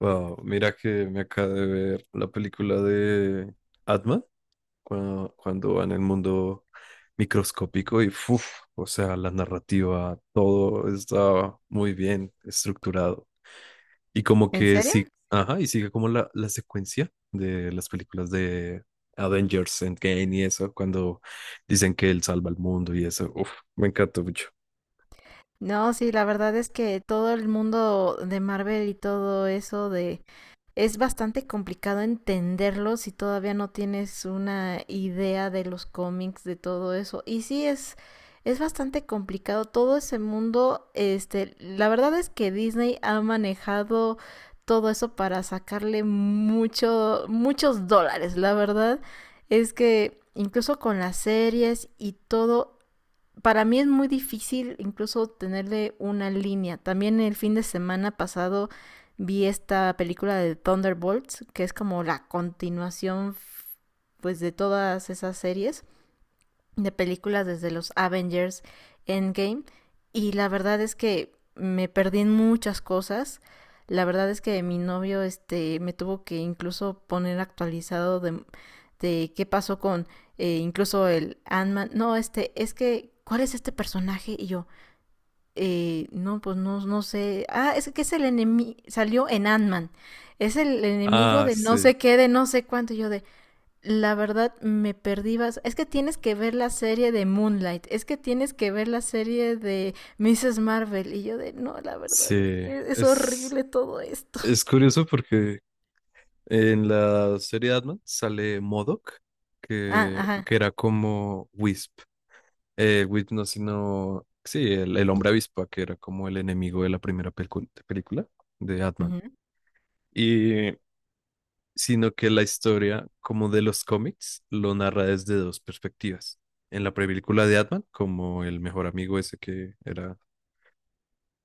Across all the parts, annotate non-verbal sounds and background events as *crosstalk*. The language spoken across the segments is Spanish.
Wow, mira que me acabo de ver la película de Atma cuando va en el mundo microscópico y ¡fuf! O sea, la narrativa, todo está muy bien estructurado. Y como ¿En que serio? sí, ajá, y sigue como la secuencia de las películas de Avengers Endgame y eso, cuando dicen que él salva al mundo y eso, uf, me encantó mucho. No, sí, la verdad es que todo el mundo de Marvel y todo eso de es bastante complicado entenderlo si todavía no tienes una idea de los cómics, de todo eso. Y sí es bastante complicado todo ese mundo, este, la verdad es que Disney ha manejado todo eso para sacarle muchos dólares, la verdad es que incluso con las series y todo para mí es muy difícil incluso tenerle una línea. También el fin de semana pasado vi esta película de Thunderbolts, que es como la continuación pues de todas esas series de películas desde los Avengers Endgame y la verdad es que me perdí en muchas cosas. La verdad es que mi novio este me tuvo que incluso poner actualizado de qué pasó con incluso el Ant-Man. No, este, es que, ¿cuál es este personaje? Y yo, no, pues no, sé. Ah, es que es el enemigo, salió en Ant-Man. Es el enemigo Ah, de no sí, sé qué, de no sé cuánto. Y yo de, la verdad me perdí. Es que tienes que ver la serie de Moonlight. Es que tienes que ver la serie de Mrs. Marvel. Y yo de, no, la verdad es sí, que es es, horrible todo esto. es curioso porque en la serie de Batman sale M.O.D.O.K., Ah, que, ajá. que era como Wisp. Wisp no, sino... Sí, el hombre avispa, que era como el enemigo de la primera película de Batman. Ujú. Y sino que la historia, como de los cómics, lo narra desde dos perspectivas. En la película de Batman, como el mejor amigo ese que era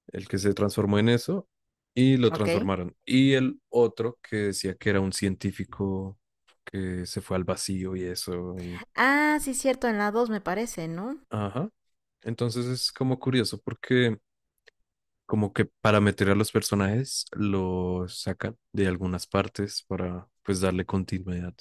el que se transformó en eso, y lo Ok. transformaron. Y el otro que decía que era un científico que se fue al vacío y eso, y... Ah, sí, cierto, en la 2 me parece, ¿no? Ajá. Entonces es como curioso porque como que para meter a los personajes los sacan de algunas partes para pues darle continuidad.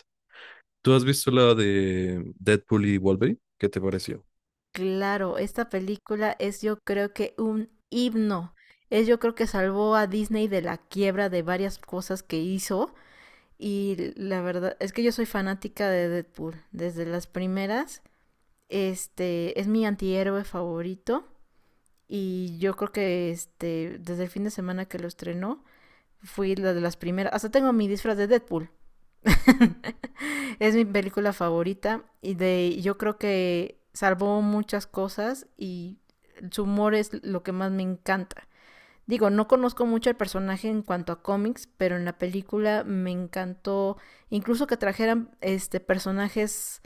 ¿Tú has visto la de Deadpool y Wolverine? ¿Qué te pareció? Claro, esta película es yo creo que un himno. Es yo creo que salvó a Disney de la quiebra de varias cosas que hizo. Y la verdad es que yo soy fanática de Deadpool desde las primeras. Este es mi antihéroe favorito y yo creo que este desde el fin de semana que lo estrenó fui la de las primeras, hasta tengo mi disfraz de Deadpool. *laughs* Es mi película favorita y de yo creo que salvó muchas cosas y su humor es lo que más me encanta. Digo, no conozco mucho el personaje en cuanto a cómics, pero en la película me encantó incluso que trajeran este personajes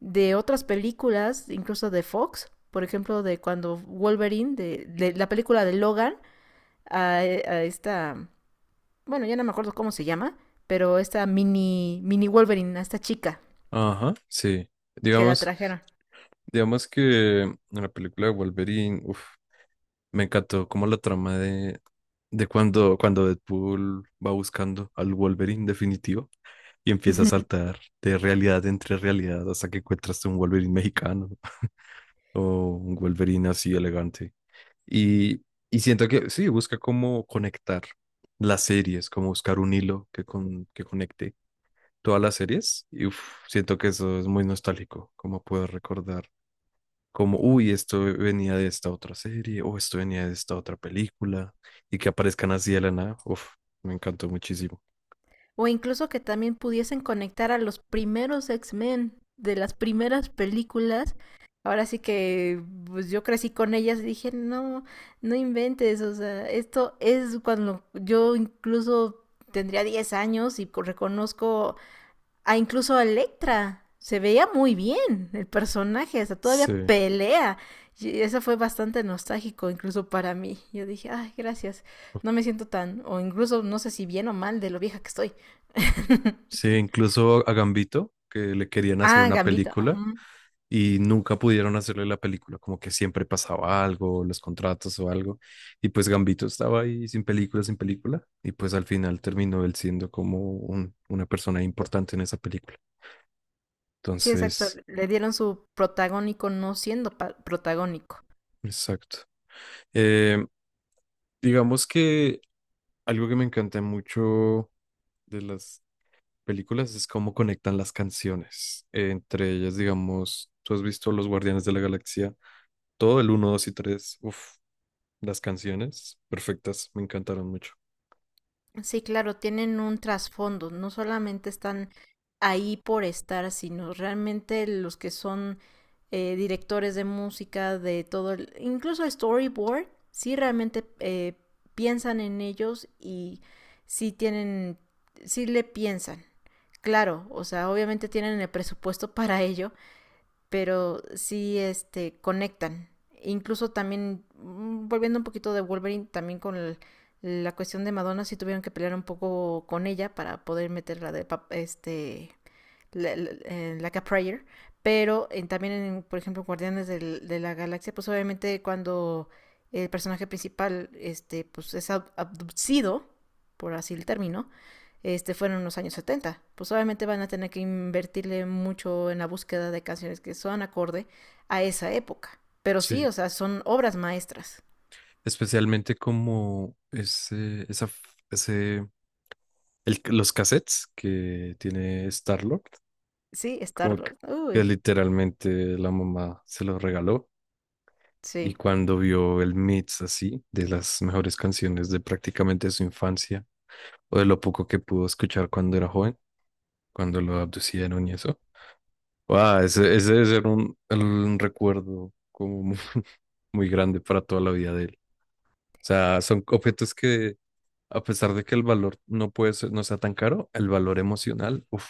de otras películas, incluso de Fox, por ejemplo, de cuando Wolverine, de la película de Logan, esta, bueno, ya no me acuerdo cómo se llama, pero esta mini Wolverine, a esta chica Ajá, sí. que la Digamos, trajeron. digamos que en la película de Wolverine, uf, me encantó como la trama de cuando Deadpool va buscando al Wolverine definitivo y empieza a saltar de realidad entre realidad hasta que encuentras un Wolverine mexicano *laughs* o un Wolverine así elegante. Y, y siento que sí, busca cómo conectar las series, como buscar un hilo que conecte todas las series. Y uf, siento que eso es muy nostálgico, como poder recordar como, uy, esto venía de esta otra serie, o esto venía de esta otra película, y que aparezcan así de la nada, uf, me encantó muchísimo. O incluso que también pudiesen conectar a los primeros X-Men de las primeras películas. Ahora sí que pues yo crecí con ellas y dije, no, no inventes, o sea, esto es cuando yo incluso tendría 10 años y reconozco a incluso a Electra. Se veía muy bien el personaje, hasta todavía Sí, pelea. Y eso fue bastante nostálgico incluso para mí. Yo dije, ay, gracias. No me siento tan, o incluso no sé si bien o mal de lo vieja que estoy. *laughs* sí, incluso a Gambito, que le querían hacer Ah, una Gambito. película Ajá. y nunca pudieron hacerle la película, como que siempre pasaba algo, los contratos o algo, y pues Gambito estaba ahí sin película, sin película, y pues al final terminó él siendo como una persona importante en esa película. Sí, exacto. Entonces, Le dieron su protagónico no siendo protagónico. exacto. Eh, digamos que algo que me encanta mucho de las películas es cómo conectan las canciones. Entre ellas, digamos, tú has visto Los Guardianes de la Galaxia, todo el uno 2 y 3 uff, las canciones perfectas, me encantaron mucho. Sí, claro, tienen un trasfondo, no solamente están ahí por estar, sino realmente los que son directores de música, de todo, incluso el storyboard, sí realmente piensan en ellos y sí tienen, sí le piensan, claro, o sea, obviamente tienen el presupuesto *laughs* para ello, pero sí este conectan. Incluso también volviendo un poquito de Wolverine también con la cuestión de Madonna sí tuvieron que pelear un poco con ella para poder meterla de este like pero también, en, por ejemplo, de la Galaxia, pues obviamente cuando el personaje principal este, pues, es abducido, por así el término, este, fueron en los años setenta. Pues obviamente van a tener que invertirle mucho en la búsqueda de canciones que son acorde a esa época. Pero sí, Sí, o sea, son obras maestras. especialmente como ese, los cassettes que tiene Star-Lord, Sí, como que, Star-Lord. que Uy, literalmente la mamá se los regaló. Y sí. cuando vio el mix así, de las mejores canciones de prácticamente su infancia, o de lo poco que pudo escuchar cuando era joven, cuando lo abducieron y eso. Wow, ese debe ser un recuerdo como *laughs* muy grande para toda la vida de él. O sea, son objetos que, a pesar de que el valor no puede ser, no sea tan caro, el valor emocional, uf,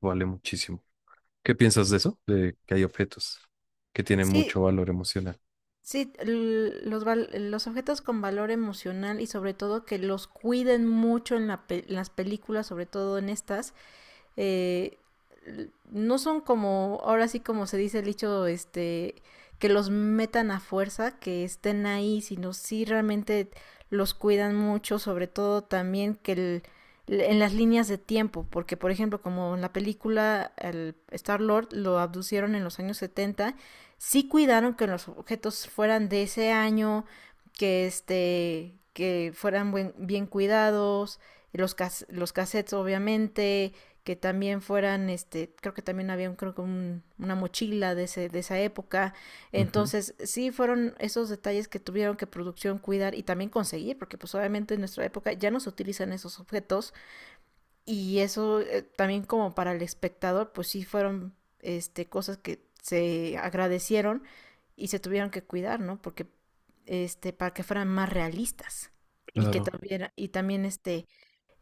vale muchísimo. ¿Qué piensas de eso? De que hay objetos que tienen Sí, mucho valor emocional. Los objetos con valor emocional y sobre todo que los cuiden mucho en en las películas, sobre todo en estas, eh, no son como, ahora sí como se dice el dicho, este, que los metan a fuerza, que estén ahí, sino sí realmente los cuidan mucho, sobre todo también que el, en las líneas de tiempo, porque por ejemplo, como en la película el Star Lord lo abducieron en los años setenta, sí cuidaron que los objetos fueran de ese año, que este que fueran bien cuidados, los cassettes obviamente, que también fueran, este, creo que también había un, creo que una mochila de, de esa época. Ujú, Entonces, sí fueron esos detalles que tuvieron que producción cuidar y también conseguir, porque pues obviamente en nuestra época ya no se utilizan esos objetos y eso, también como para el espectador, pues sí fueron, este, cosas que se agradecieron y se tuvieron que cuidar, ¿no? Porque, este, para que fueran más realistas y que claro. tuviera, y también, este,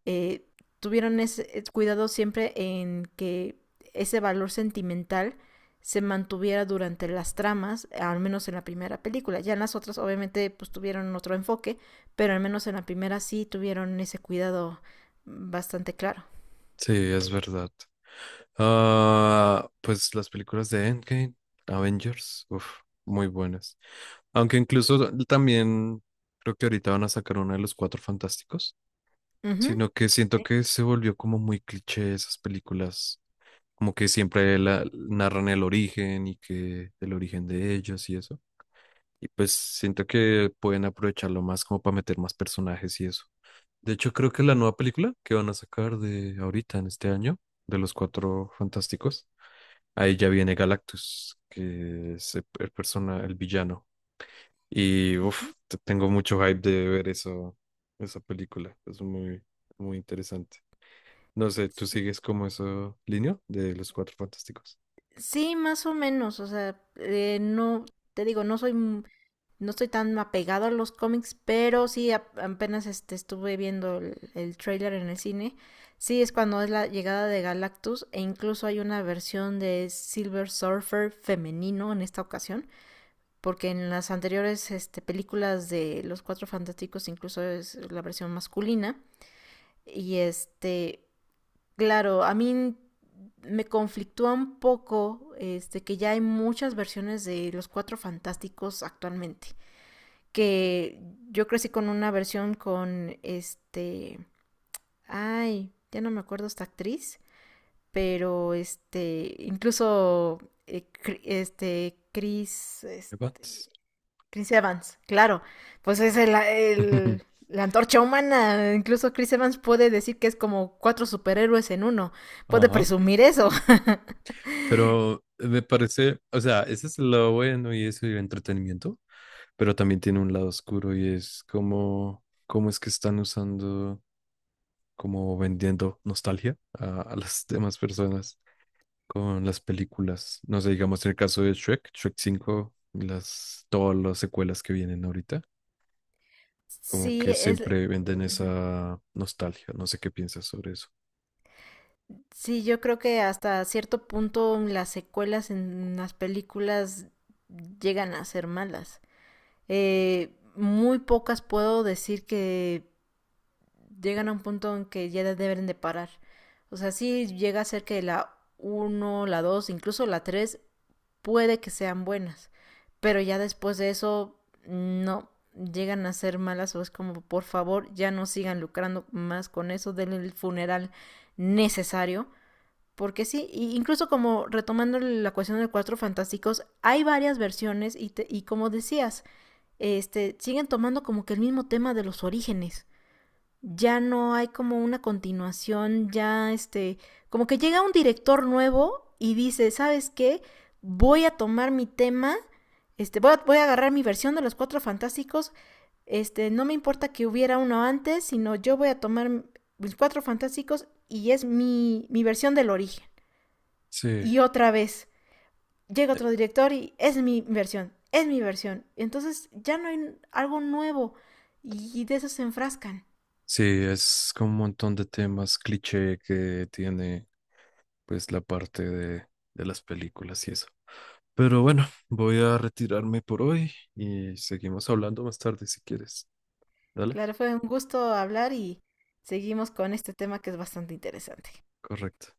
eh, tuvieron ese cuidado siempre en que ese valor sentimental se mantuviera durante las tramas, al menos en la primera película. Ya en las otras obviamente pues tuvieron otro enfoque, pero al menos en la primera sí tuvieron ese cuidado bastante claro. Sí, es verdad. Ah, pues las películas de Endgame, Avengers, uf, muy buenas. Aunque incluso también creo que ahorita van a sacar una de los Cuatro Fantásticos, Ujú. sino que siento Sí. que se volvió como muy cliché esas películas, como que siempre narran el origen y que el origen de ellos y eso. Y pues siento que pueden aprovecharlo más como para meter más personajes y eso. De hecho, creo que la nueva película que van a sacar de ahorita en este año, de los Cuatro Fantásticos. Ahí ya viene Galactus, que es el villano. Y uff, Ujú, tengo mucho hype de ver eso, esa película. Es muy, muy interesante. No sé, ¿tú sí. sigues como eso línea de los Cuatro Fantásticos? Sí, más o menos, o sea, no, te digo, no estoy tan apegado a los cómics, pero sí apenas este, estuve viendo el tráiler en el cine. Sí, es cuando es la llegada de Galactus e incluso hay una versión de Silver Surfer femenino en esta ocasión, porque en las anteriores este, películas de Los Cuatro Fantásticos incluso es la versión masculina. Y este, claro, a mí me conflictúa un poco este, que ya hay muchas versiones de Los Cuatro Fantásticos actualmente que yo crecí con una versión con este, ay, ya no me acuerdo esta actriz, pero este, incluso eh, este Evans. Chris Evans, claro, pues es el, *laughs* la antorcha humana, incluso Chris Evans puede decir que es como cuatro superhéroes en uno, puede Ajá. presumir eso. *laughs* Pero me parece, o sea, ese es el lado bueno y eso y entretenimiento, pero también tiene un lado oscuro y es como, cómo es que están usando, como vendiendo nostalgia a las demás personas. Con las películas. No sé, digamos en el caso de Shrek, Shrek 5, todas las secuelas que vienen ahorita, como Sí, que es... siempre venden esa nostalgia. No sé qué piensas sobre eso. Sí, yo creo que hasta cierto punto las secuelas en las películas llegan a ser malas. Muy pocas puedo decir que llegan a un punto en que ya deben de parar. O sea, sí llega a ser que la uno, la 2, incluso la 3 puede que sean buenas, pero ya después de eso no llegan a ser malas o es como por favor ya no sigan lucrando más con eso, denle el funeral necesario porque sí, y incluso como retomando la cuestión de Cuatro Fantásticos, hay varias versiones y, te, y como decías, este, siguen tomando como que el mismo tema de los orígenes. Ya no hay como una continuación, ya este, como que llega un director nuevo y dice, ¿sabes qué? Voy a tomar mi tema, este, voy a agarrar mi versión de los Cuatro Fantásticos, este, no me importa que hubiera uno antes, sino yo voy a tomar mis Cuatro Fantásticos y es mi versión del origen Sí, y otra vez llega otro director y es mi versión, es mi versión. Entonces ya no hay algo nuevo y de eso se enfrascan. sí, es como un montón de temas cliché que tiene pues la parte de las películas y eso. Pero bueno, voy a retirarme por hoy y seguimos hablando más tarde si quieres. Dale, Claro, fue un gusto hablar y seguimos con este tema que es bastante interesante. correcto.